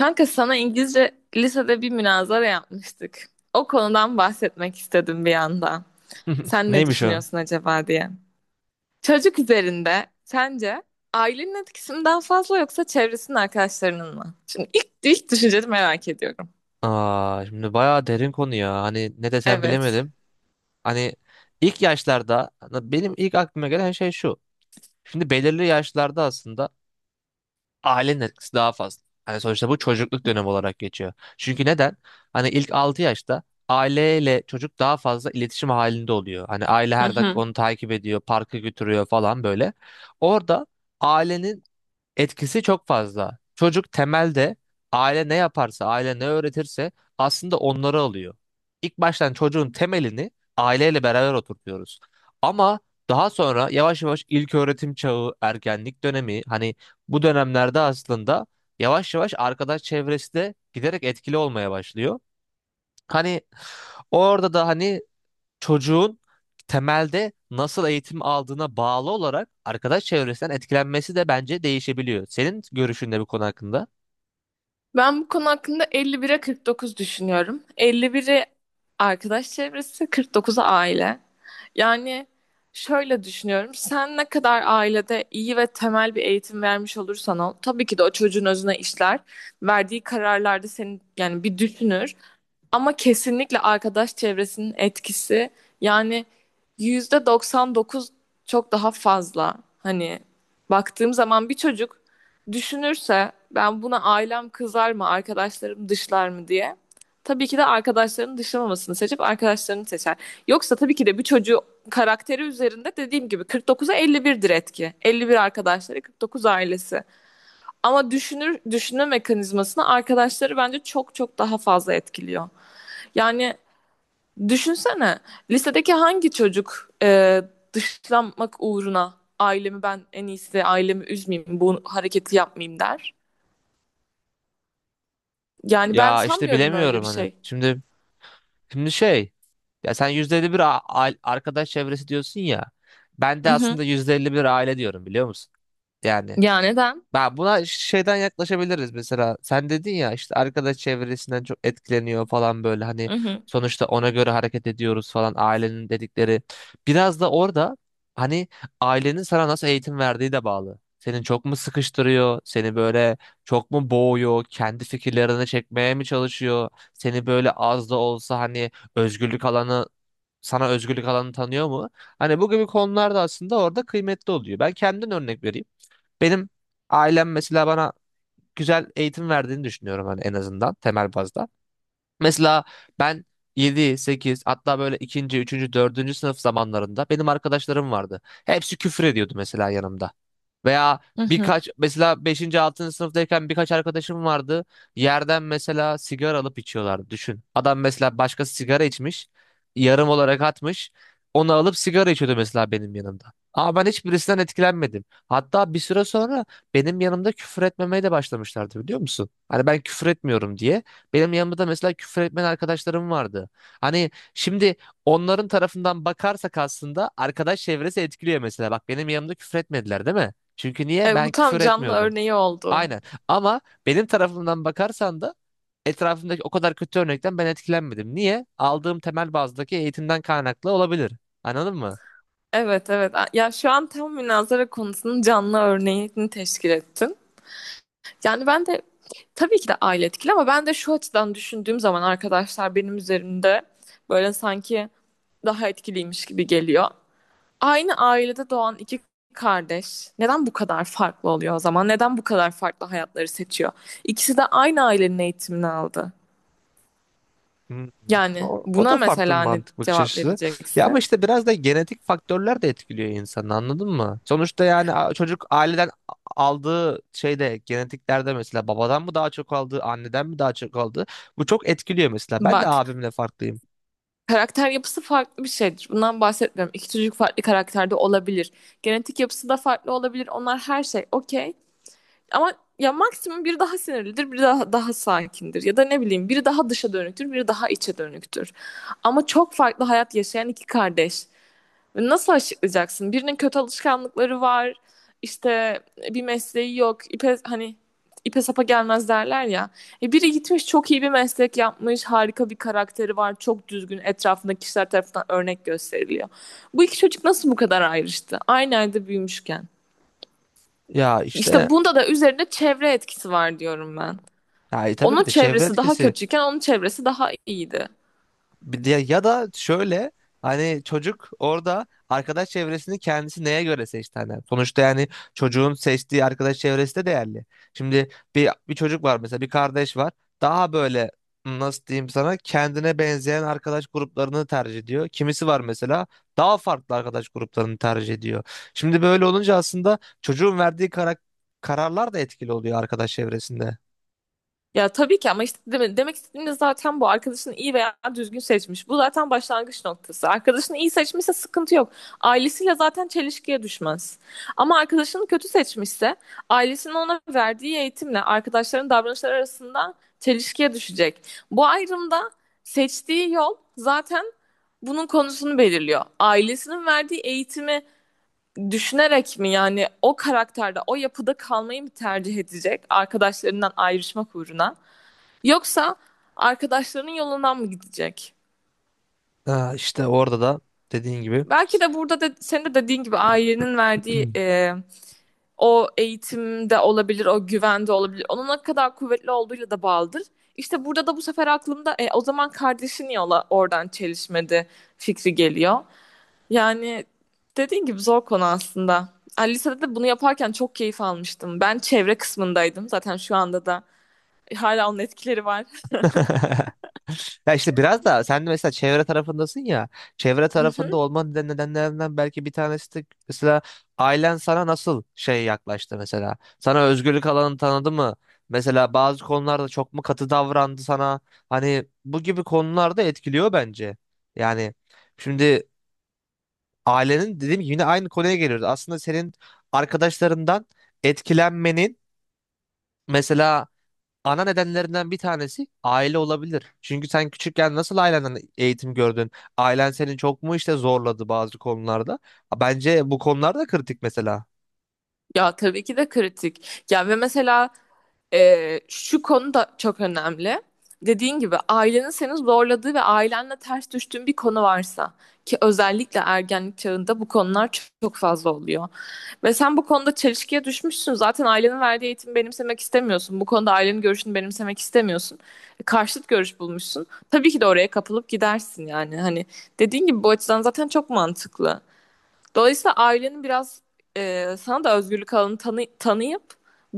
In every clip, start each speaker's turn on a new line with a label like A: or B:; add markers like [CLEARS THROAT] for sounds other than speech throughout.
A: Kanka sana İngilizce lisede bir münazara yapmıştık. O konudan bahsetmek istedim bir yandan.
B: [LAUGHS]
A: Sen ne
B: Neymiş o?
A: düşünüyorsun acaba diye. Çocuk üzerinde sence ailenin etkisi mi daha fazla yoksa çevresinin arkadaşlarının mı? Şimdi ilk düşünceni merak ediyorum.
B: Aa, şimdi bayağı derin konu ya. Hani ne desem
A: Evet.
B: bilemedim. Hani ilk yaşlarda benim ilk aklıma gelen şey şu. Şimdi belirli yaşlarda aslında ailenin etkisi daha fazla. Hani sonuçta bu çocukluk dönemi olarak geçiyor. Çünkü neden? Hani ilk 6 yaşta aileyle çocuk daha fazla iletişim halinde oluyor. Hani aile
A: Hı
B: her dakika
A: hı.
B: onu takip ediyor, parka götürüyor falan böyle. Orada ailenin etkisi çok fazla. Çocuk temelde aile ne yaparsa, aile ne öğretirse aslında onları alıyor. İlk baştan çocuğun temelini aileyle beraber oturtuyoruz. Ama daha sonra yavaş yavaş ilköğretim çağı, ergenlik dönemi hani bu dönemlerde aslında yavaş yavaş arkadaş çevresi de giderek etkili olmaya başlıyor. Hani orada da hani çocuğun temelde nasıl eğitim aldığına bağlı olarak arkadaş çevresinden etkilenmesi de bence değişebiliyor. Senin görüşün ne bu konu hakkında?
A: Ben bu konu hakkında 51'e 49 düşünüyorum. 51'i arkadaş çevresi, 49'u aile. Yani şöyle düşünüyorum. Sen ne kadar ailede iyi ve temel bir eğitim vermiş olursan ol, tabii ki de o çocuğun özüne işler. Verdiği kararlarda seni yani bir düşünür. Ama kesinlikle arkadaş çevresinin etkisi yani %99 çok daha fazla. Hani baktığım zaman bir çocuk düşünürse ben buna ailem kızar mı, arkadaşlarım dışlar mı diye. Tabii ki de arkadaşlarının dışlamamasını seçip arkadaşlarını seçer. Yoksa tabii ki de bir çocuğu karakteri üzerinde dediğim gibi 49'a 51'dir etki. 51 arkadaşları, 49 ailesi. Ama düşünür, düşünme mekanizmasını arkadaşları bence çok çok daha fazla etkiliyor. Yani düşünsene lisedeki hangi çocuk dışlanmak uğruna ailemi ben en iyisi ailemi üzmeyeyim bu hareketi yapmayayım der. Yani ben
B: Ya işte
A: sanmıyorum öyle
B: bilemiyorum
A: bir
B: hani.
A: şey.
B: Şimdi ya sen %51 arkadaş çevresi diyorsun ya. Ben
A: Hı
B: de
A: hı.
B: aslında %51 aile diyorum biliyor musun? Yani
A: Ya neden?
B: ben buna şeyden yaklaşabiliriz mesela. Sen dedin ya işte arkadaş çevresinden çok etkileniyor falan böyle hani
A: Hı hı.
B: sonuçta ona göre hareket ediyoruz falan ailenin dedikleri. Biraz da orada hani ailenin sana nasıl eğitim verdiği de bağlı. Senin çok mu sıkıştırıyor? Seni böyle çok mu boğuyor? Kendi fikirlerini çekmeye mi çalışıyor? Seni böyle az da olsa hani özgürlük alanı sana özgürlük alanı tanıyor mu? Hani bu gibi konularda aslında orada kıymetli oluyor. Ben kendimden örnek vereyim. Benim ailem mesela bana güzel eğitim verdiğini düşünüyorum hani en azından temel bazda. Mesela ben 7 8 hatta böyle ikinci üçüncü dördüncü sınıf zamanlarında benim arkadaşlarım vardı. Hepsi küfür ediyordu mesela yanımda. Veya
A: Hı hı.
B: birkaç mesela beşinci altıncı sınıftayken birkaç arkadaşım vardı. Yerden mesela sigara alıp içiyorlardı. Düşün. Adam mesela başkası sigara içmiş. Yarım olarak atmış. Onu alıp sigara içiyordu mesela benim yanımda. Ama ben hiçbirisinden etkilenmedim. Hatta bir süre sonra benim yanımda küfür etmemeye de başlamışlardı biliyor musun? Hani ben küfür etmiyorum diye. Benim yanımda da mesela küfür etmeyen arkadaşlarım vardı. Hani şimdi onların tarafından bakarsak aslında arkadaş çevresi etkiliyor mesela. Bak benim yanımda küfür etmediler değil mi? Çünkü niye?
A: E, bu
B: Ben
A: tam
B: küfür
A: canlı
B: etmiyordum.
A: örneği oldu.
B: Aynen. Ama benim tarafımdan bakarsan da etrafımdaki o kadar kötü örnekten ben etkilenmedim. Niye? Aldığım temel bazdaki eğitimden kaynaklı olabilir. Anladın mı?
A: Evet, evet. Ya şu an tam münazara konusunun canlı örneğini teşkil ettin. Yani ben de tabii ki de aile etkili ama ben de şu açıdan düşündüğüm zaman arkadaşlar benim üzerimde böyle sanki daha etkiliymiş gibi geliyor. Aynı ailede doğan iki kardeş neden bu kadar farklı oluyor o zaman? Neden bu kadar farklı hayatları seçiyor? İkisi de aynı ailenin eğitimini aldı.
B: Hmm.
A: Yani
B: O
A: buna
B: da farklı bir
A: mesela ne
B: mantık bakış
A: cevap
B: açısı. Ya ama
A: vereceksin?
B: işte biraz da genetik faktörler de etkiliyor insanı anladın mı? Sonuçta yani çocuk aileden aldığı şeyde genetiklerde mesela babadan mı daha çok aldı, anneden mi daha çok aldı? Bu çok etkiliyor mesela. Ben de
A: Bak,
B: abimle farklıyım.
A: karakter yapısı farklı bir şeydir. Bundan bahsetmiyorum. İki çocuk farklı karakterde olabilir. Genetik yapısı da farklı olabilir. Onlar her şey okey. Ama ya maksimum biri daha sinirlidir, biri daha sakindir ya da ne bileyim biri daha dışa dönüktür, biri daha içe dönüktür. Ama çok farklı hayat yaşayan iki kardeş. Ve nasıl açıklayacaksın? Birinin kötü alışkanlıkları var, işte bir mesleği yok, hani ipe sapa gelmez derler ya. E biri gitmiş çok iyi bir meslek yapmış, harika bir karakteri var, çok düzgün, etrafındaki kişiler tarafından örnek gösteriliyor. Bu iki çocuk nasıl bu kadar ayrıştı? Aynı evde büyümüşken.
B: Ya
A: İşte
B: işte.
A: bunda da üzerinde çevre etkisi var diyorum ben.
B: Yani tabii
A: Onun
B: ki de çevre
A: çevresi daha
B: etkisi.
A: kötüyken onun çevresi daha iyiydi.
B: Ya da şöyle hani çocuk orada arkadaş çevresini kendisi neye göre seçti hani. Sonuçta yani çocuğun seçtiği arkadaş çevresi de değerli. Şimdi bir çocuk var mesela bir kardeş var. Daha böyle nasıl diyeyim sana kendine benzeyen arkadaş gruplarını tercih ediyor. Kimisi var mesela daha farklı arkadaş gruplarını tercih ediyor. Şimdi böyle olunca aslında çocuğun verdiği kararlar da etkili oluyor arkadaş çevresinde.
A: Ya tabii ki, ama işte demek istediğim de zaten bu arkadaşını iyi veya düzgün seçmiş. Bu zaten başlangıç noktası. Arkadaşını iyi seçmişse sıkıntı yok. Ailesiyle zaten çelişkiye düşmez. Ama arkadaşını kötü seçmişse ailesinin ona verdiği eğitimle arkadaşların davranışları arasında çelişkiye düşecek. Bu ayrımda seçtiği yol zaten bunun konusunu belirliyor. Ailesinin verdiği eğitimi düşünerek mi yani o karakterde, o yapıda kalmayı mı tercih edecek arkadaşlarından ayrışmak uğruna? Yoksa arkadaşlarının yolundan mı gidecek?
B: Ha, işte orada da dediğin gibi.
A: Belki de burada da senin de dediğin gibi ailenin verdiği
B: [CLEARS THROAT]
A: o eğitimde olabilir, o güvende olabilir. Onun ne kadar kuvvetli olduğuyla da bağlıdır. İşte burada da bu sefer aklımda o zaman kardeşin yola oradan çelişmedi fikri geliyor. Yani dediğin gibi zor konu aslında. Yani lisede de bunu yaparken çok keyif almıştım. Ben çevre kısmındaydım. Zaten şu anda da hala onun etkileri var.
B: [LAUGHS] Ya işte biraz da sen de mesela çevre tarafındasın ya. Çevre tarafında
A: [LAUGHS]
B: olmanın nedenlerinden belki bir tanesi de mesela ailen sana nasıl yaklaştı mesela. Sana özgürlük alanını tanıdı mı? Mesela bazı konularda çok mu katı davrandı sana? Hani bu gibi konularda etkiliyor bence. Yani şimdi ailenin dediğim gibi yine aynı konuya geliyoruz. Aslında senin arkadaşlarından etkilenmenin mesela ana nedenlerinden bir tanesi aile olabilir. Çünkü sen küçükken nasıl ailenden eğitim gördün? Ailen seni çok mu işte zorladı bazı konularda? Bence bu konular da kritik mesela.
A: Ya tabii ki de kritik. Ya ve mesela şu konu da çok önemli. Dediğin gibi ailenin seni zorladığı ve ailenle ters düştüğün bir konu varsa ki özellikle ergenlik çağında bu konular çok, çok fazla oluyor. Ve sen bu konuda çelişkiye düşmüşsün. Zaten ailenin verdiği eğitimi benimsemek istemiyorsun. Bu konuda ailenin görüşünü benimsemek istemiyorsun. E, karşıt görüş bulmuşsun. Tabii ki de oraya kapılıp gidersin yani. Hani dediğin gibi bu açıdan zaten çok mantıklı. Dolayısıyla ailenin biraz sana da özgürlük alanı tanıyıp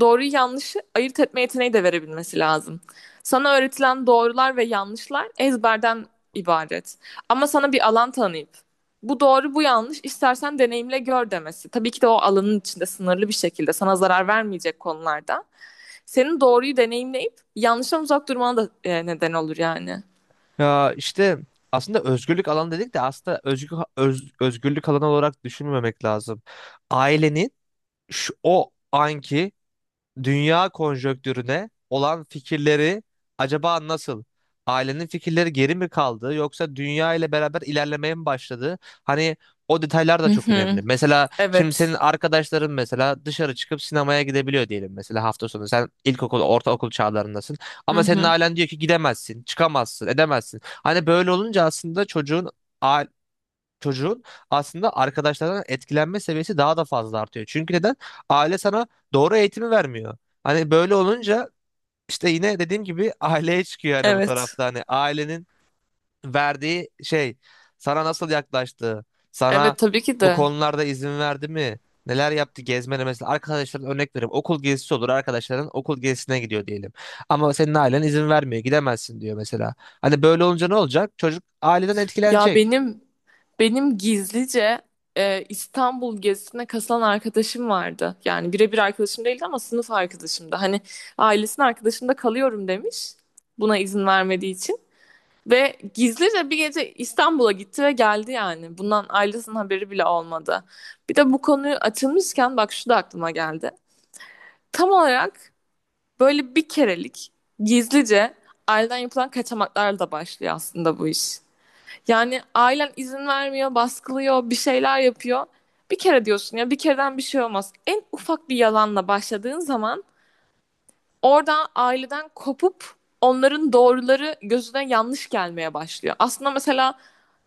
A: doğruyu yanlışı ayırt etme yeteneği de verebilmesi lazım. Sana öğretilen doğrular ve yanlışlar ezberden ibaret. Ama sana bir alan tanıyıp bu doğru bu yanlış istersen deneyimle gör demesi. Tabii ki de o alanın içinde sınırlı bir şekilde sana zarar vermeyecek konularda. Senin doğruyu deneyimleyip yanlıştan uzak durmana da neden olur yani.
B: Ya işte aslında özgürlük alanı dedik de aslında özgürlük alanı olarak düşünmemek lazım. Ailenin şu, o anki dünya konjonktürüne olan fikirleri acaba nasıl? Ailenin fikirleri geri mi kaldı yoksa dünya ile beraber ilerlemeye mi başladı? Hani o detaylar da
A: Hı
B: çok
A: hı.
B: önemli. Mesela şimdi
A: Evet.
B: senin arkadaşların mesela dışarı çıkıp sinemaya gidebiliyor diyelim mesela hafta sonu. Sen ilkokul, ortaokul çağlarındasın.
A: Hı
B: Ama senin
A: hı.
B: ailen diyor ki gidemezsin, çıkamazsın, edemezsin. Hani böyle olunca aslında çocuğun aslında arkadaşlarından etkilenme seviyesi daha da fazla artıyor. Çünkü neden? Aile sana doğru eğitimi vermiyor. Hani böyle olunca işte yine dediğim gibi [LAUGHS] aileye çıkıyor hani bu
A: Evet.
B: tarafta. Hani ailenin verdiği şey sana nasıl yaklaştı, sana
A: Evet, tabii ki
B: bu
A: de.
B: konularda izin verdi mi? Neler yaptı gezmene mesela arkadaşların örnek verip okul gezisi olur arkadaşların okul gezisine gidiyor diyelim. Ama senin ailen izin vermiyor gidemezsin diyor mesela. Hani böyle olunca ne olacak? Çocuk aileden
A: Ya
B: etkilenecek.
A: benim gizlice İstanbul gezisine katılan arkadaşım vardı. Yani birebir arkadaşım değildi ama sınıf arkadaşımdı. Hani ailesinin arkadaşımda kalıyorum demiş. Buna izin vermediği için. Ve gizlice bir gece İstanbul'a gitti ve geldi yani. Bundan ailesinin haberi bile olmadı. Bir de bu konuyu açılmışken bak şu da aklıma geldi. Tam olarak böyle bir kerelik gizlice aileden yapılan kaçamaklarla da başlıyor aslında bu iş. Yani ailen izin vermiyor, baskılıyor, bir şeyler yapıyor. Bir kere diyorsun ya, bir kereden bir şey olmaz. En ufak bir yalanla başladığın zaman orada aileden kopup onların doğruları gözüne yanlış gelmeye başlıyor. Aslında mesela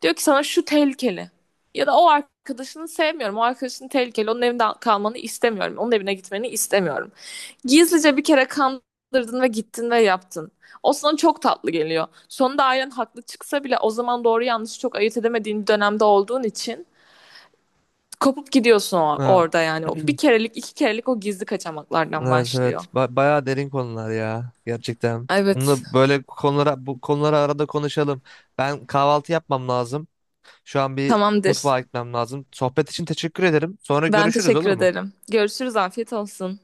A: diyor ki sana şu tehlikeli. Ya da o arkadaşını sevmiyorum. O arkadaşın tehlikeli. Onun evinde kalmanı istemiyorum. Onun evine gitmeni istemiyorum. Gizlice bir kere kandırdın ve gittin ve yaptın. O sana çok tatlı geliyor. Sonunda ailen haklı çıksa bile o zaman doğru yanlışı çok ayırt edemediğin bir dönemde olduğun için kopup gidiyorsun
B: Ha.
A: orada yani. O bir
B: [CLEARS THROAT]
A: kerelik, iki kerelik o gizli kaçamaklardan
B: Evet
A: başlıyor.
B: evet bayağı derin konular ya gerçekten.
A: Evet,
B: Bunu böyle konulara bu konuları arada konuşalım. Ben kahvaltı yapmam lazım. Şu an bir
A: tamamdır.
B: mutfağa gitmem lazım. Sohbet için teşekkür ederim. Sonra
A: Ben
B: görüşürüz
A: teşekkür
B: olur mu?
A: ederim. Görüşürüz, afiyet olsun.